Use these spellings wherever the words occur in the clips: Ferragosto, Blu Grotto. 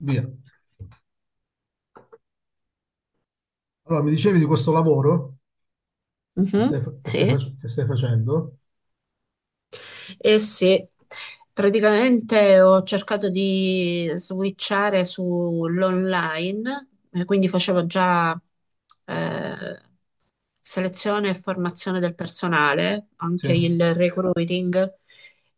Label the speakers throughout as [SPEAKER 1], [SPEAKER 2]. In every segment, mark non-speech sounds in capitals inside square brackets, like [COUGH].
[SPEAKER 1] Via. Allora, mi dicevi di questo lavoro che stai,
[SPEAKER 2] Mhm.
[SPEAKER 1] fa- che stai
[SPEAKER 2] Sì.
[SPEAKER 1] fac- che stai facendo?
[SPEAKER 2] Eh sì, praticamente ho cercato di switchare sull'online, quindi facevo già eh, selezione e formazione del personale, anche
[SPEAKER 1] Sì.
[SPEAKER 2] il recruiting,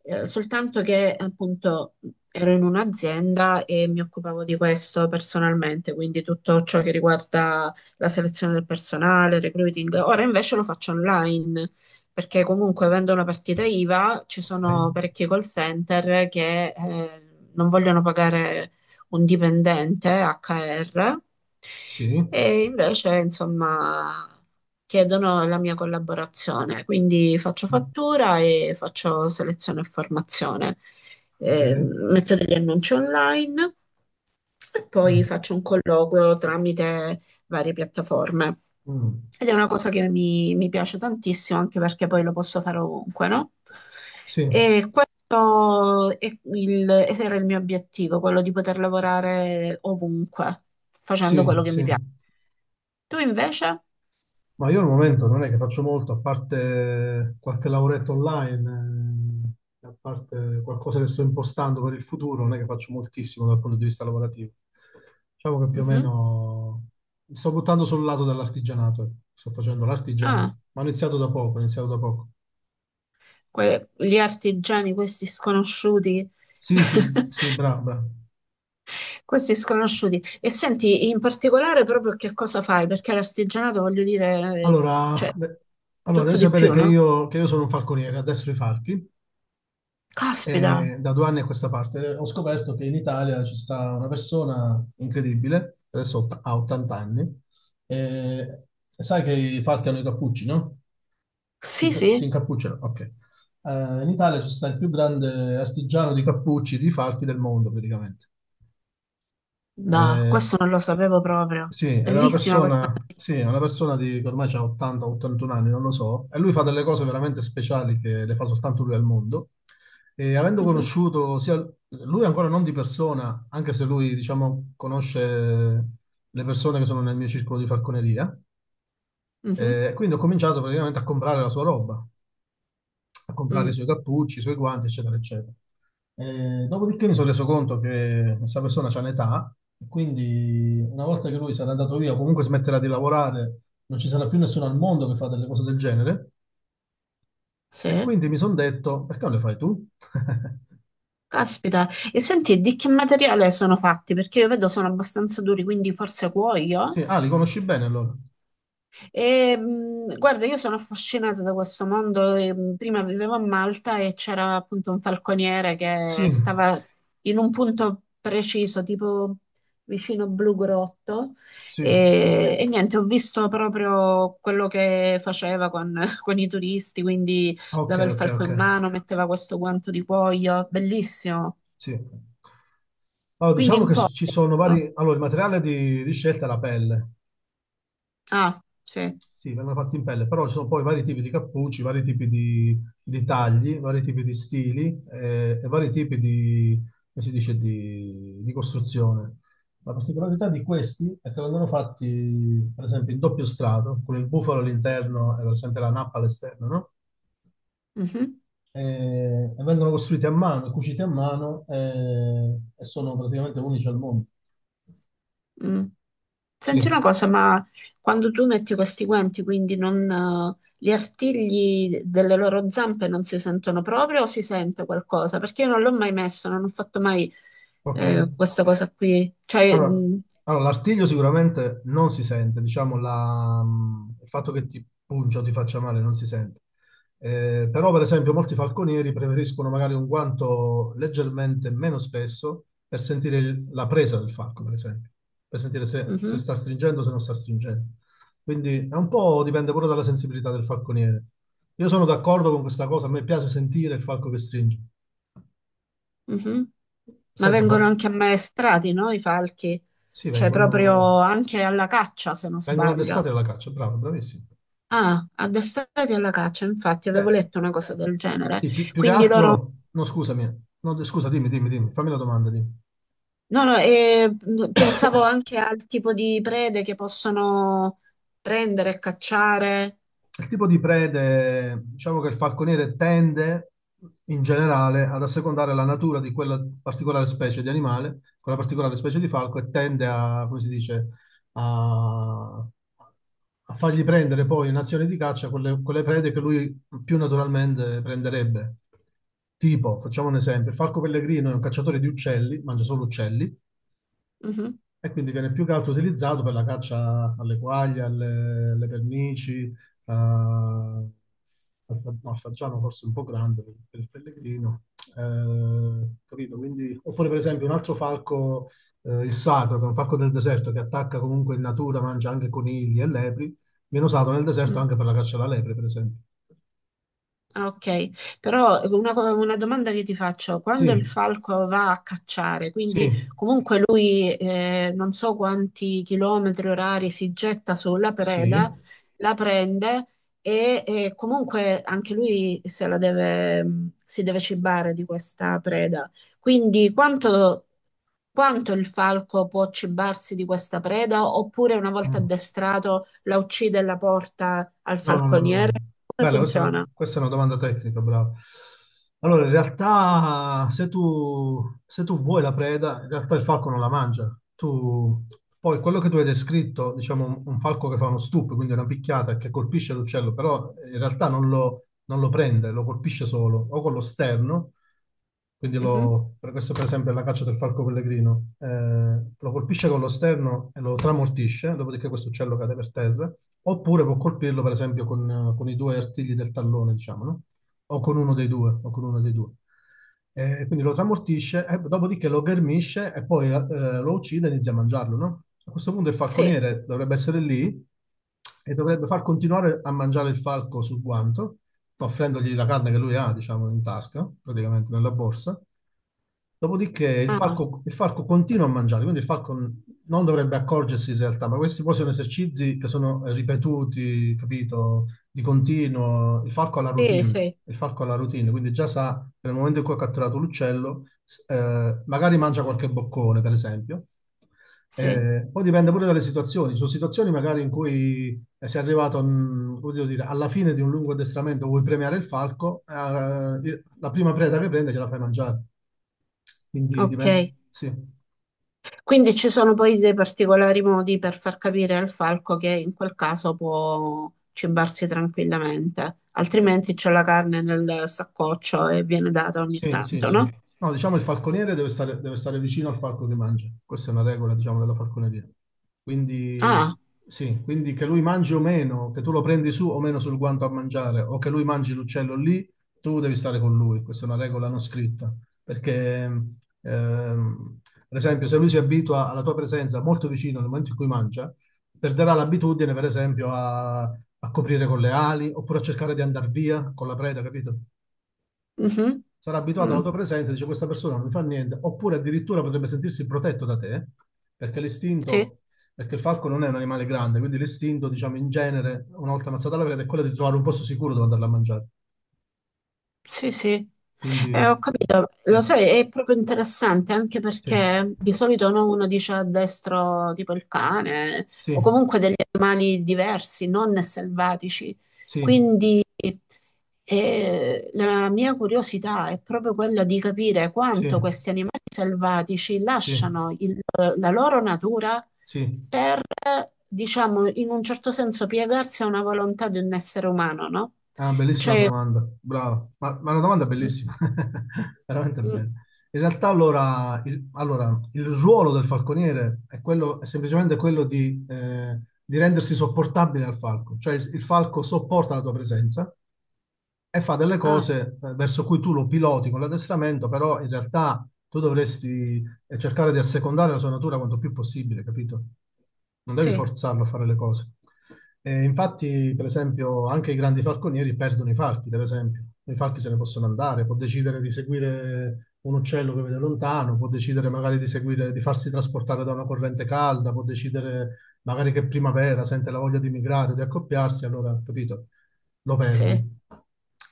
[SPEAKER 2] soltanto che appunto ero in un'azienda e mi occupavo di questo personalmente, quindi tutto ciò che riguarda la selezione del personale, il recruiting. Ora invece lo faccio online. Perché comunque avendo una partita IVA ci
[SPEAKER 1] Ok.
[SPEAKER 2] sono parecchi call center che non vogliono pagare un dipendente HR,
[SPEAKER 1] Sì.
[SPEAKER 2] e invece, insomma, chiedono la mia collaborazione, quindi faccio
[SPEAKER 1] Mm.
[SPEAKER 2] fattura e faccio selezione e formazione.
[SPEAKER 1] Ok.
[SPEAKER 2] Metto degli annunci online e poi
[SPEAKER 1] Mm.
[SPEAKER 2] faccio un colloquio tramite varie piattaforme.
[SPEAKER 1] Mm.
[SPEAKER 2] Ed è una cosa che mi piace tantissimo, anche perché poi lo posso fare ovunque, no?
[SPEAKER 1] Sì,
[SPEAKER 2] E questo è ed era il mio obiettivo, quello di poter lavorare ovunque, facendo quello
[SPEAKER 1] sì,
[SPEAKER 2] che mi
[SPEAKER 1] sì.
[SPEAKER 2] piace. Tu invece?
[SPEAKER 1] Ma io al momento non è che faccio molto, a parte qualche lavoretto online, a parte qualcosa che sto impostando per il futuro, non è che faccio moltissimo dal punto di vista lavorativo. Diciamo che più o
[SPEAKER 2] Mhm.
[SPEAKER 1] meno mi sto buttando sul lato dell'artigianato, ecco. Sto facendo l'artigiano,
[SPEAKER 2] Ah.
[SPEAKER 1] ma ho iniziato da poco, ho iniziato da poco.
[SPEAKER 2] Gli artigiani, questi sconosciuti,
[SPEAKER 1] Sì, sì,
[SPEAKER 2] [LAUGHS]
[SPEAKER 1] sì, brava. Brava.
[SPEAKER 2] questi sconosciuti. E senti, in particolare proprio che cosa fai? Perché l'artigianato, voglio dire, cioè,
[SPEAKER 1] Allora, beh,
[SPEAKER 2] di
[SPEAKER 1] allora, devi
[SPEAKER 2] tutto di
[SPEAKER 1] sapere
[SPEAKER 2] più, no?
[SPEAKER 1] che io sono un falconiere, addestro i falchi,
[SPEAKER 2] Caspita,
[SPEAKER 1] e da 2 anni a questa parte ho scoperto che in Italia ci sta una persona incredibile, adesso ha 80 anni, e sai che i falchi hanno i cappucci, no? Si,
[SPEAKER 2] sì,
[SPEAKER 1] si
[SPEAKER 2] sì,
[SPEAKER 1] incappucciano, ok. In Italia ci sta il più grande artigiano di cappucci di falchi del mondo, praticamente.
[SPEAKER 2] bah,
[SPEAKER 1] Eh,
[SPEAKER 2] questo non lo sapevo proprio.
[SPEAKER 1] Sì, ed è una
[SPEAKER 2] Bellissima questa.
[SPEAKER 1] persona, sì, è una persona di, che ormai ha 80-81 anni, non lo so, e lui fa delle cose veramente speciali che le fa soltanto lui al mondo. E avendo
[SPEAKER 2] Mhm,
[SPEAKER 1] conosciuto sia lui ancora non di persona, anche se lui, diciamo, conosce le persone che sono nel mio circolo di falconeria,
[SPEAKER 2] mhm,
[SPEAKER 1] quindi ho cominciato praticamente a comprare la sua roba, a comprare i
[SPEAKER 2] mm,
[SPEAKER 1] suoi cappucci, i suoi guanti, eccetera, eccetera. Dopodiché mi sono reso conto che questa persona c'ha un'età, e quindi una volta che lui sarà andato via, comunque smetterà di lavorare, non ci sarà più nessuno al mondo che fa delle cose del genere.
[SPEAKER 2] sì,
[SPEAKER 1] E quindi mi sono detto, perché non le fai tu? [LAUGHS]
[SPEAKER 2] caspita. E senti, di che materiale sono fatti? Perché io vedo sono abbastanza duri, quindi forse
[SPEAKER 1] Sì,
[SPEAKER 2] cuoio?
[SPEAKER 1] ah, li conosci bene allora?
[SPEAKER 2] E, guarda, io sono affascinata da questo mondo. E, prima vivevo a Malta e c'era appunto un falconiere
[SPEAKER 1] Sì,
[SPEAKER 2] che stava in un punto preciso, tipo vicino Blu Grotto.
[SPEAKER 1] sì,
[SPEAKER 2] E niente, ho visto proprio quello che faceva con, [LAUGHS] con i turisti, quindi
[SPEAKER 1] ah, ok,
[SPEAKER 2] dava il
[SPEAKER 1] ok,
[SPEAKER 2] falco
[SPEAKER 1] ok,
[SPEAKER 2] in mano, metteva questo guanto di cuoio, bellissimo.
[SPEAKER 1] sì. Allora,
[SPEAKER 2] Quindi
[SPEAKER 1] diciamo
[SPEAKER 2] in
[SPEAKER 1] che
[SPEAKER 2] cuoio,
[SPEAKER 1] ci sono
[SPEAKER 2] no?
[SPEAKER 1] vari... Allora, il materiale di scelta è la pelle.
[SPEAKER 2] Ah, sì.
[SPEAKER 1] Sì, vengono fatti in pelle, però ci sono poi vari tipi di cappucci, vari tipi di tagli, vari tipi di stili, e vari tipi di, come si dice, di costruzione. La particolarità di questi è che vengono fatti, per esempio, in doppio strato, con il bufalo all'interno e per esempio la nappa all'esterno, no?
[SPEAKER 2] Mhm.
[SPEAKER 1] E, e vengono costruiti a mano, cuciti a mano e sono praticamente unici al mondo.
[SPEAKER 2] Mm. Senti una
[SPEAKER 1] Sì,
[SPEAKER 2] cosa, ma quando tu metti questi guanti, quindi non, gli artigli delle loro zampe non si sentono proprio o si sente qualcosa? Perché io non l'ho mai messo, non ho fatto mai
[SPEAKER 1] ok.
[SPEAKER 2] questa cosa qui. Cioè,
[SPEAKER 1] Allora,
[SPEAKER 2] mm,
[SPEAKER 1] allora, l'artiglio sicuramente non si sente, diciamo, il fatto che ti pungia o ti faccia male non si sente. Però, per esempio, molti falconieri preferiscono magari un guanto leggermente meno spesso per sentire la presa del falco, per esempio, per sentire se
[SPEAKER 2] mhm,
[SPEAKER 1] sta stringendo o se non sta stringendo. Quindi è un po' dipende pure dalla sensibilità del falconiere. Io sono d'accordo con questa cosa, a me piace sentire il falco che stringe.
[SPEAKER 2] mhm. Ma
[SPEAKER 1] Senza
[SPEAKER 2] vengono
[SPEAKER 1] fa...
[SPEAKER 2] anche ammaestrati, no? I falchi?
[SPEAKER 1] Sì,
[SPEAKER 2] Cioè, proprio
[SPEAKER 1] vengono...
[SPEAKER 2] anche alla caccia, se non
[SPEAKER 1] Vengono addestrati
[SPEAKER 2] sbaglio.
[SPEAKER 1] alla caccia, bravo, bravissimo.
[SPEAKER 2] Ah, addestrati alla caccia, infatti, avevo
[SPEAKER 1] Cioè,
[SPEAKER 2] letto una cosa del genere.
[SPEAKER 1] sì, più che
[SPEAKER 2] Quindi loro
[SPEAKER 1] altro... No, scusami. No, scusa, dimmi, dimmi, dimmi. Fammi la domanda, dimmi.
[SPEAKER 2] no, no, e pensavo anche al tipo di prede che possono prendere e cacciare.
[SPEAKER 1] Il tipo di prede, diciamo che il falconiere tende in generale ad assecondare la natura di quella particolare specie di animale, quella particolare specie di falco, e tende a, come si dice, a, a, fargli prendere poi in azione di caccia quelle prede che lui più naturalmente prenderebbe. Tipo, facciamo un esempio, il falco pellegrino è un cacciatore di uccelli, mangia solo uccelli,
[SPEAKER 2] Mhm,
[SPEAKER 1] e quindi viene più che altro utilizzato per la caccia alle quaglie, alle pernici, al, no, al fagiano forse un po' grande per il pellegrino. Capito? Quindi, oppure per esempio un altro falco, il sacro, che è un falco del deserto che attacca comunque in natura, mangia anche conigli e lepri, viene usato nel deserto
[SPEAKER 2] mm,
[SPEAKER 1] anche per la caccia alla lepre, per esempio.
[SPEAKER 2] ah, ok, però una, una domanda che ti faccio, quando
[SPEAKER 1] Sì,
[SPEAKER 2] il falco va a cacciare, quindi
[SPEAKER 1] sì,
[SPEAKER 2] comunque lui non so quanti chilometri orari si getta sulla preda,
[SPEAKER 1] sì.
[SPEAKER 2] la prende e comunque anche lui se la deve, si deve cibare di questa preda. Quindi quanto quanto il falco può cibarsi di questa preda, oppure una volta
[SPEAKER 1] Mm.
[SPEAKER 2] addestrato la uccide e la porta al
[SPEAKER 1] No, no, no, no,
[SPEAKER 2] falconiere?
[SPEAKER 1] no.
[SPEAKER 2] Come
[SPEAKER 1] Bella, questa è una,
[SPEAKER 2] funziona?
[SPEAKER 1] questa è una domanda tecnica, bravo. Allora, in realtà, se tu vuoi la preda, in realtà il falco non la mangia. Tu, poi, quello che tu hai descritto, diciamo, un falco che fa uno stup, quindi una picchiata che colpisce l'uccello, però in realtà non lo prende, lo colpisce solo, o con lo sterno, quindi
[SPEAKER 2] Mhm.
[SPEAKER 1] lo, per questo per esempio è la caccia del falco pellegrino, lo colpisce con lo sterno e lo tramortisce, dopodiché questo uccello cade per terra. Oppure può colpirlo, per esempio, con i due artigli del tallone, diciamo, no? O con uno dei due, o con uno dei due. Quindi lo tramortisce, e dopodiché lo ghermisce e poi lo uccide e inizia a mangiarlo, no? A questo punto il
[SPEAKER 2] Sì,
[SPEAKER 1] falconiere dovrebbe essere lì e dovrebbe far continuare a mangiare il falco sul guanto, offrendogli la carne che lui ha, diciamo, in tasca, praticamente nella borsa. Dopodiché
[SPEAKER 2] ah,
[SPEAKER 1] il falco continua a mangiare, quindi il falco non dovrebbe accorgersi in realtà, ma questi poi sono esercizi che sono, ripetuti, capito, di continuo. Il falco ha la
[SPEAKER 2] sì,
[SPEAKER 1] routine,
[SPEAKER 2] sì,
[SPEAKER 1] il falco ha la routine, quindi già sa che nel momento in cui ha catturato l'uccello, magari mangia qualche boccone, per esempio,
[SPEAKER 2] sì.
[SPEAKER 1] poi dipende pure dalle situazioni, ci sono situazioni magari in cui sei arrivato, come devo dire, alla fine di un lungo addestramento, vuoi premiare il falco, la prima preda che prende gliela fai mangiare. Quindi
[SPEAKER 2] Ok.
[SPEAKER 1] dipende, sì.
[SPEAKER 2] Quindi ci sono poi dei particolari modi per far capire al falco che in quel caso può cibarsi tranquillamente, altrimenti c'è la carne nel saccoccio e viene data ogni
[SPEAKER 1] Sì, sì,
[SPEAKER 2] tanto,
[SPEAKER 1] sì.
[SPEAKER 2] no?
[SPEAKER 1] No, diciamo il falconiere deve stare vicino al falco che mangia. Questa è una regola, diciamo, della falconeria. Quindi,
[SPEAKER 2] Ah,
[SPEAKER 1] sì, quindi che lui mangi o meno, che tu lo prendi su o meno sul guanto a mangiare, o che lui mangi l'uccello lì, tu devi stare con lui. Questa è una regola non scritta. Perché, ehm, per esempio, se lui si abitua alla tua presenza molto vicino nel momento in cui mangia, perderà l'abitudine, per esempio, a, a coprire con le ali, oppure a cercare di andare via con la preda, capito?
[SPEAKER 2] mhm.
[SPEAKER 1] Sarà abituato alla
[SPEAKER 2] Mm,
[SPEAKER 1] tua presenza e dice questa persona non mi fa niente, oppure addirittura potrebbe sentirsi protetto da te, perché
[SPEAKER 2] sì.
[SPEAKER 1] l'istinto, perché il falco non è un animale grande, quindi l'istinto, diciamo, in genere, una volta ammazzata la preda, è quello di trovare un posto sicuro dove andarla a mangiare.
[SPEAKER 2] Sì, sì,
[SPEAKER 1] Quindi,
[SPEAKER 2] eh, ho capito.
[SPEAKER 1] sì,
[SPEAKER 2] Lo sai, è proprio interessante anche
[SPEAKER 1] sì,
[SPEAKER 2] perché di solito no, uno dice a destro tipo il cane o
[SPEAKER 1] sì,
[SPEAKER 2] comunque degli animali diversi, non selvatici.
[SPEAKER 1] sì,
[SPEAKER 2] Quindi la mia curiosità è proprio quella di capire
[SPEAKER 1] sì,
[SPEAKER 2] quanto questi animali selvatici
[SPEAKER 1] sì,
[SPEAKER 2] lasciano la loro natura
[SPEAKER 1] sì.
[SPEAKER 2] per, diciamo, in un certo senso piegarsi a una volontà di un essere umano, no?
[SPEAKER 1] È una bellissima
[SPEAKER 2] Cioè,
[SPEAKER 1] domanda, bravo, ma è una domanda
[SPEAKER 2] mm,
[SPEAKER 1] bellissima, [LAUGHS] veramente
[SPEAKER 2] mm,
[SPEAKER 1] bella. In realtà allora il ruolo del falconiere è, quello, è semplicemente quello di rendersi sopportabile al falco, cioè il falco sopporta la tua presenza e fa delle
[SPEAKER 2] ah,
[SPEAKER 1] cose, verso cui tu lo piloti con l'addestramento, però in realtà tu dovresti, cercare di assecondare la sua natura quanto più possibile, capito? Non devi
[SPEAKER 2] sì,
[SPEAKER 1] forzarlo a fare le cose. E infatti, per esempio, anche i grandi falconieri perdono i falchi, per esempio. I falchi se ne possono andare, può decidere di seguire un uccello che vede lontano, può decidere magari di seguire, di farsi trasportare da una corrente calda, può decidere magari che primavera sente la voglia di migrare, di accoppiarsi, allora, capito? Lo
[SPEAKER 2] sì. E
[SPEAKER 1] perdi.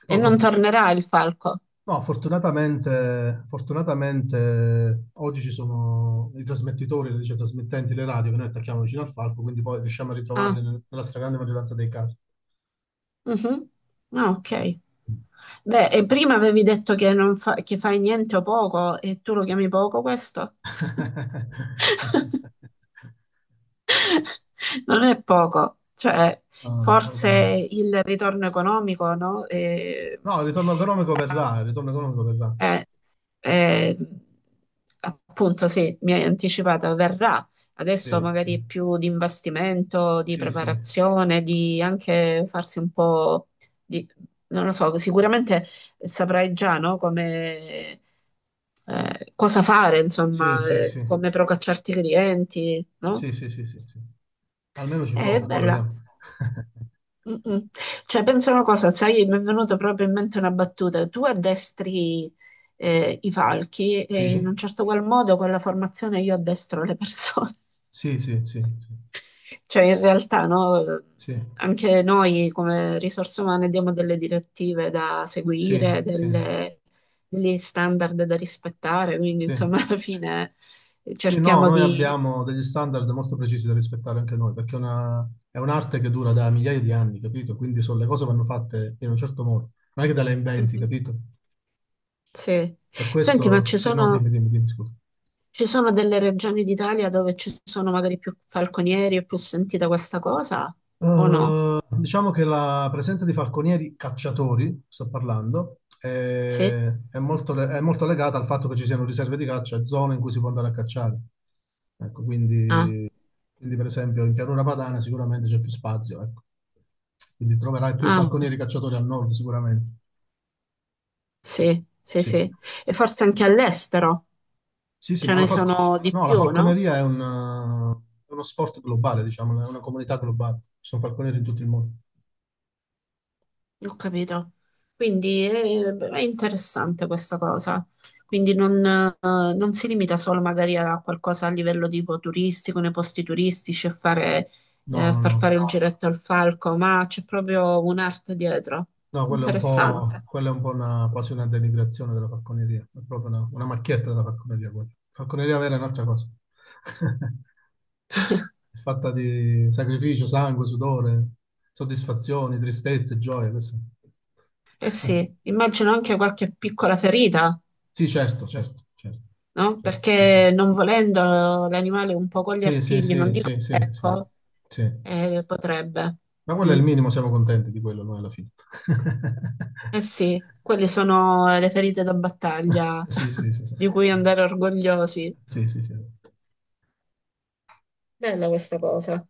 [SPEAKER 1] Però
[SPEAKER 2] non tornerà il falco.
[SPEAKER 1] no, fortunatamente oggi ci sono i trasmettitori, le dice, trasmittenti, le radio che noi attacchiamo vicino al falco, quindi poi riusciamo a
[SPEAKER 2] Ah,
[SPEAKER 1] ritrovarli nella stragrande maggioranza dei casi.
[SPEAKER 2] mhm. Ah, ok. Beh, e prima avevi detto che, non fa- che fai niente o poco, e tu lo chiami poco questo?
[SPEAKER 1] [LAUGHS]
[SPEAKER 2] [LAUGHS] Non è poco, cioè
[SPEAKER 1] No, non è poco,
[SPEAKER 2] forse
[SPEAKER 1] no.
[SPEAKER 2] il ritorno economico, no?
[SPEAKER 1] No, il ritorno economico verrà, il ritorno economico verrà.
[SPEAKER 2] Eh, eh, appunto, sì, mi hai anticipato, verrà. Adesso
[SPEAKER 1] Sì, sì,
[SPEAKER 2] magari è più di investimento, di
[SPEAKER 1] sì, sì,
[SPEAKER 2] preparazione, di anche farsi un po' di... Non lo so, sicuramente saprai già, no, come, cosa fare, insomma,
[SPEAKER 1] sì, sì, sì,
[SPEAKER 2] come procacciarti i clienti, no?
[SPEAKER 1] sì, sì, sì, sì, sì. Almeno ci
[SPEAKER 2] È
[SPEAKER 1] provo, poi
[SPEAKER 2] bella.
[SPEAKER 1] vediamo. [LAUGHS]
[SPEAKER 2] Mm-mm. Cioè, pensa una cosa, sai, mi è venuta proprio in mente una battuta. Tu addestri i falchi e in un
[SPEAKER 1] Sì,
[SPEAKER 2] certo qual modo con la formazione io addestro le persone.
[SPEAKER 1] sì, sì, sì, sì.
[SPEAKER 2] [LAUGHS] Cioè, in realtà, no,
[SPEAKER 1] Sì,
[SPEAKER 2] anche noi come risorse umane diamo delle direttive da
[SPEAKER 1] sì,
[SPEAKER 2] seguire,
[SPEAKER 1] sì,
[SPEAKER 2] delle- degli standard da rispettare, quindi
[SPEAKER 1] sì.
[SPEAKER 2] insomma, [LAUGHS] alla fine
[SPEAKER 1] Sì, no,
[SPEAKER 2] cerchiamo
[SPEAKER 1] noi
[SPEAKER 2] di...
[SPEAKER 1] abbiamo degli standard molto precisi da rispettare anche noi, perché è una- è un'arte che dura da migliaia di anni, capito? Quindi le cose vanno fatte in un certo modo, non è che te le inventi,
[SPEAKER 2] Mhm.
[SPEAKER 1] capito?
[SPEAKER 2] Sì.
[SPEAKER 1] Per
[SPEAKER 2] Senti, ma
[SPEAKER 1] questo,
[SPEAKER 2] ci
[SPEAKER 1] sì, no, dimmi,
[SPEAKER 2] sono...
[SPEAKER 1] dimmi, dimmi, scusa.
[SPEAKER 2] Ci sono delle regioni d'Italia dove ci sono magari più falconieri, è più sentita questa cosa o no?
[SPEAKER 1] Diciamo che la presenza di falconieri cacciatori, sto parlando,
[SPEAKER 2] Sì?
[SPEAKER 1] è molto, le- è molto legata al fatto che ci siano riserve di caccia e zone in cui si può andare a cacciare. Ecco,
[SPEAKER 2] Ah,
[SPEAKER 1] quindi, per esempio in pianura padana sicuramente c'è più spazio, ecco. Quindi troverai più
[SPEAKER 2] ah,
[SPEAKER 1] falconieri cacciatori al nord sicuramente.
[SPEAKER 2] sì, sì,
[SPEAKER 1] Sì,
[SPEAKER 2] sì. E forse anche all'estero
[SPEAKER 1] sì, sì,
[SPEAKER 2] ce
[SPEAKER 1] ma
[SPEAKER 2] ne sono di
[SPEAKER 1] no, la
[SPEAKER 2] più, no?
[SPEAKER 1] falconeria è uno sport globale, diciamo, è una comunità globale. Ci sono falconieri in tutto il mondo.
[SPEAKER 2] Ho capito. Quindi è, interessante questa cosa. Quindi non, non si limita solo magari a qualcosa a livello tipo turistico, nei posti turistici, a fare,
[SPEAKER 1] No, no,
[SPEAKER 2] far
[SPEAKER 1] no.
[SPEAKER 2] fare il giretto al falco, ma c'è proprio un'arte dietro.
[SPEAKER 1] No, quella è un po',
[SPEAKER 2] Interessante.
[SPEAKER 1] quella è un po' una, quasi una denigrazione della falconeria, è proprio una macchietta della falconeria, quella. Falconeria vera è un'altra cosa, [LAUGHS] è fatta di sacrificio, sangue, sudore, soddisfazioni, tristezze, gioie. Questo.
[SPEAKER 2] Eh sì, immagino anche qualche piccola ferita,
[SPEAKER 1] Sì, certo, certo, certo,
[SPEAKER 2] no?
[SPEAKER 1] certo, sì, sì.
[SPEAKER 2] Perché non volendo l'animale un po' con gli
[SPEAKER 1] Sì, sì,
[SPEAKER 2] artigli, non
[SPEAKER 1] sì,
[SPEAKER 2] dico
[SPEAKER 1] sì, sì, sì,
[SPEAKER 2] ecco,
[SPEAKER 1] sì.
[SPEAKER 2] potrebbe.
[SPEAKER 1] Ma quello è
[SPEAKER 2] Mm.
[SPEAKER 1] il minimo, siamo contenti di quello noi alla fine.
[SPEAKER 2] Eh
[SPEAKER 1] [LAUGHS]
[SPEAKER 2] sì, quelle sono le ferite da battaglia
[SPEAKER 1] Sì,
[SPEAKER 2] [LAUGHS]
[SPEAKER 1] sì, sì, sì.
[SPEAKER 2] di cui andare orgogliosi.
[SPEAKER 1] Sì, sì, sì, sì.
[SPEAKER 2] Bella questa cosa.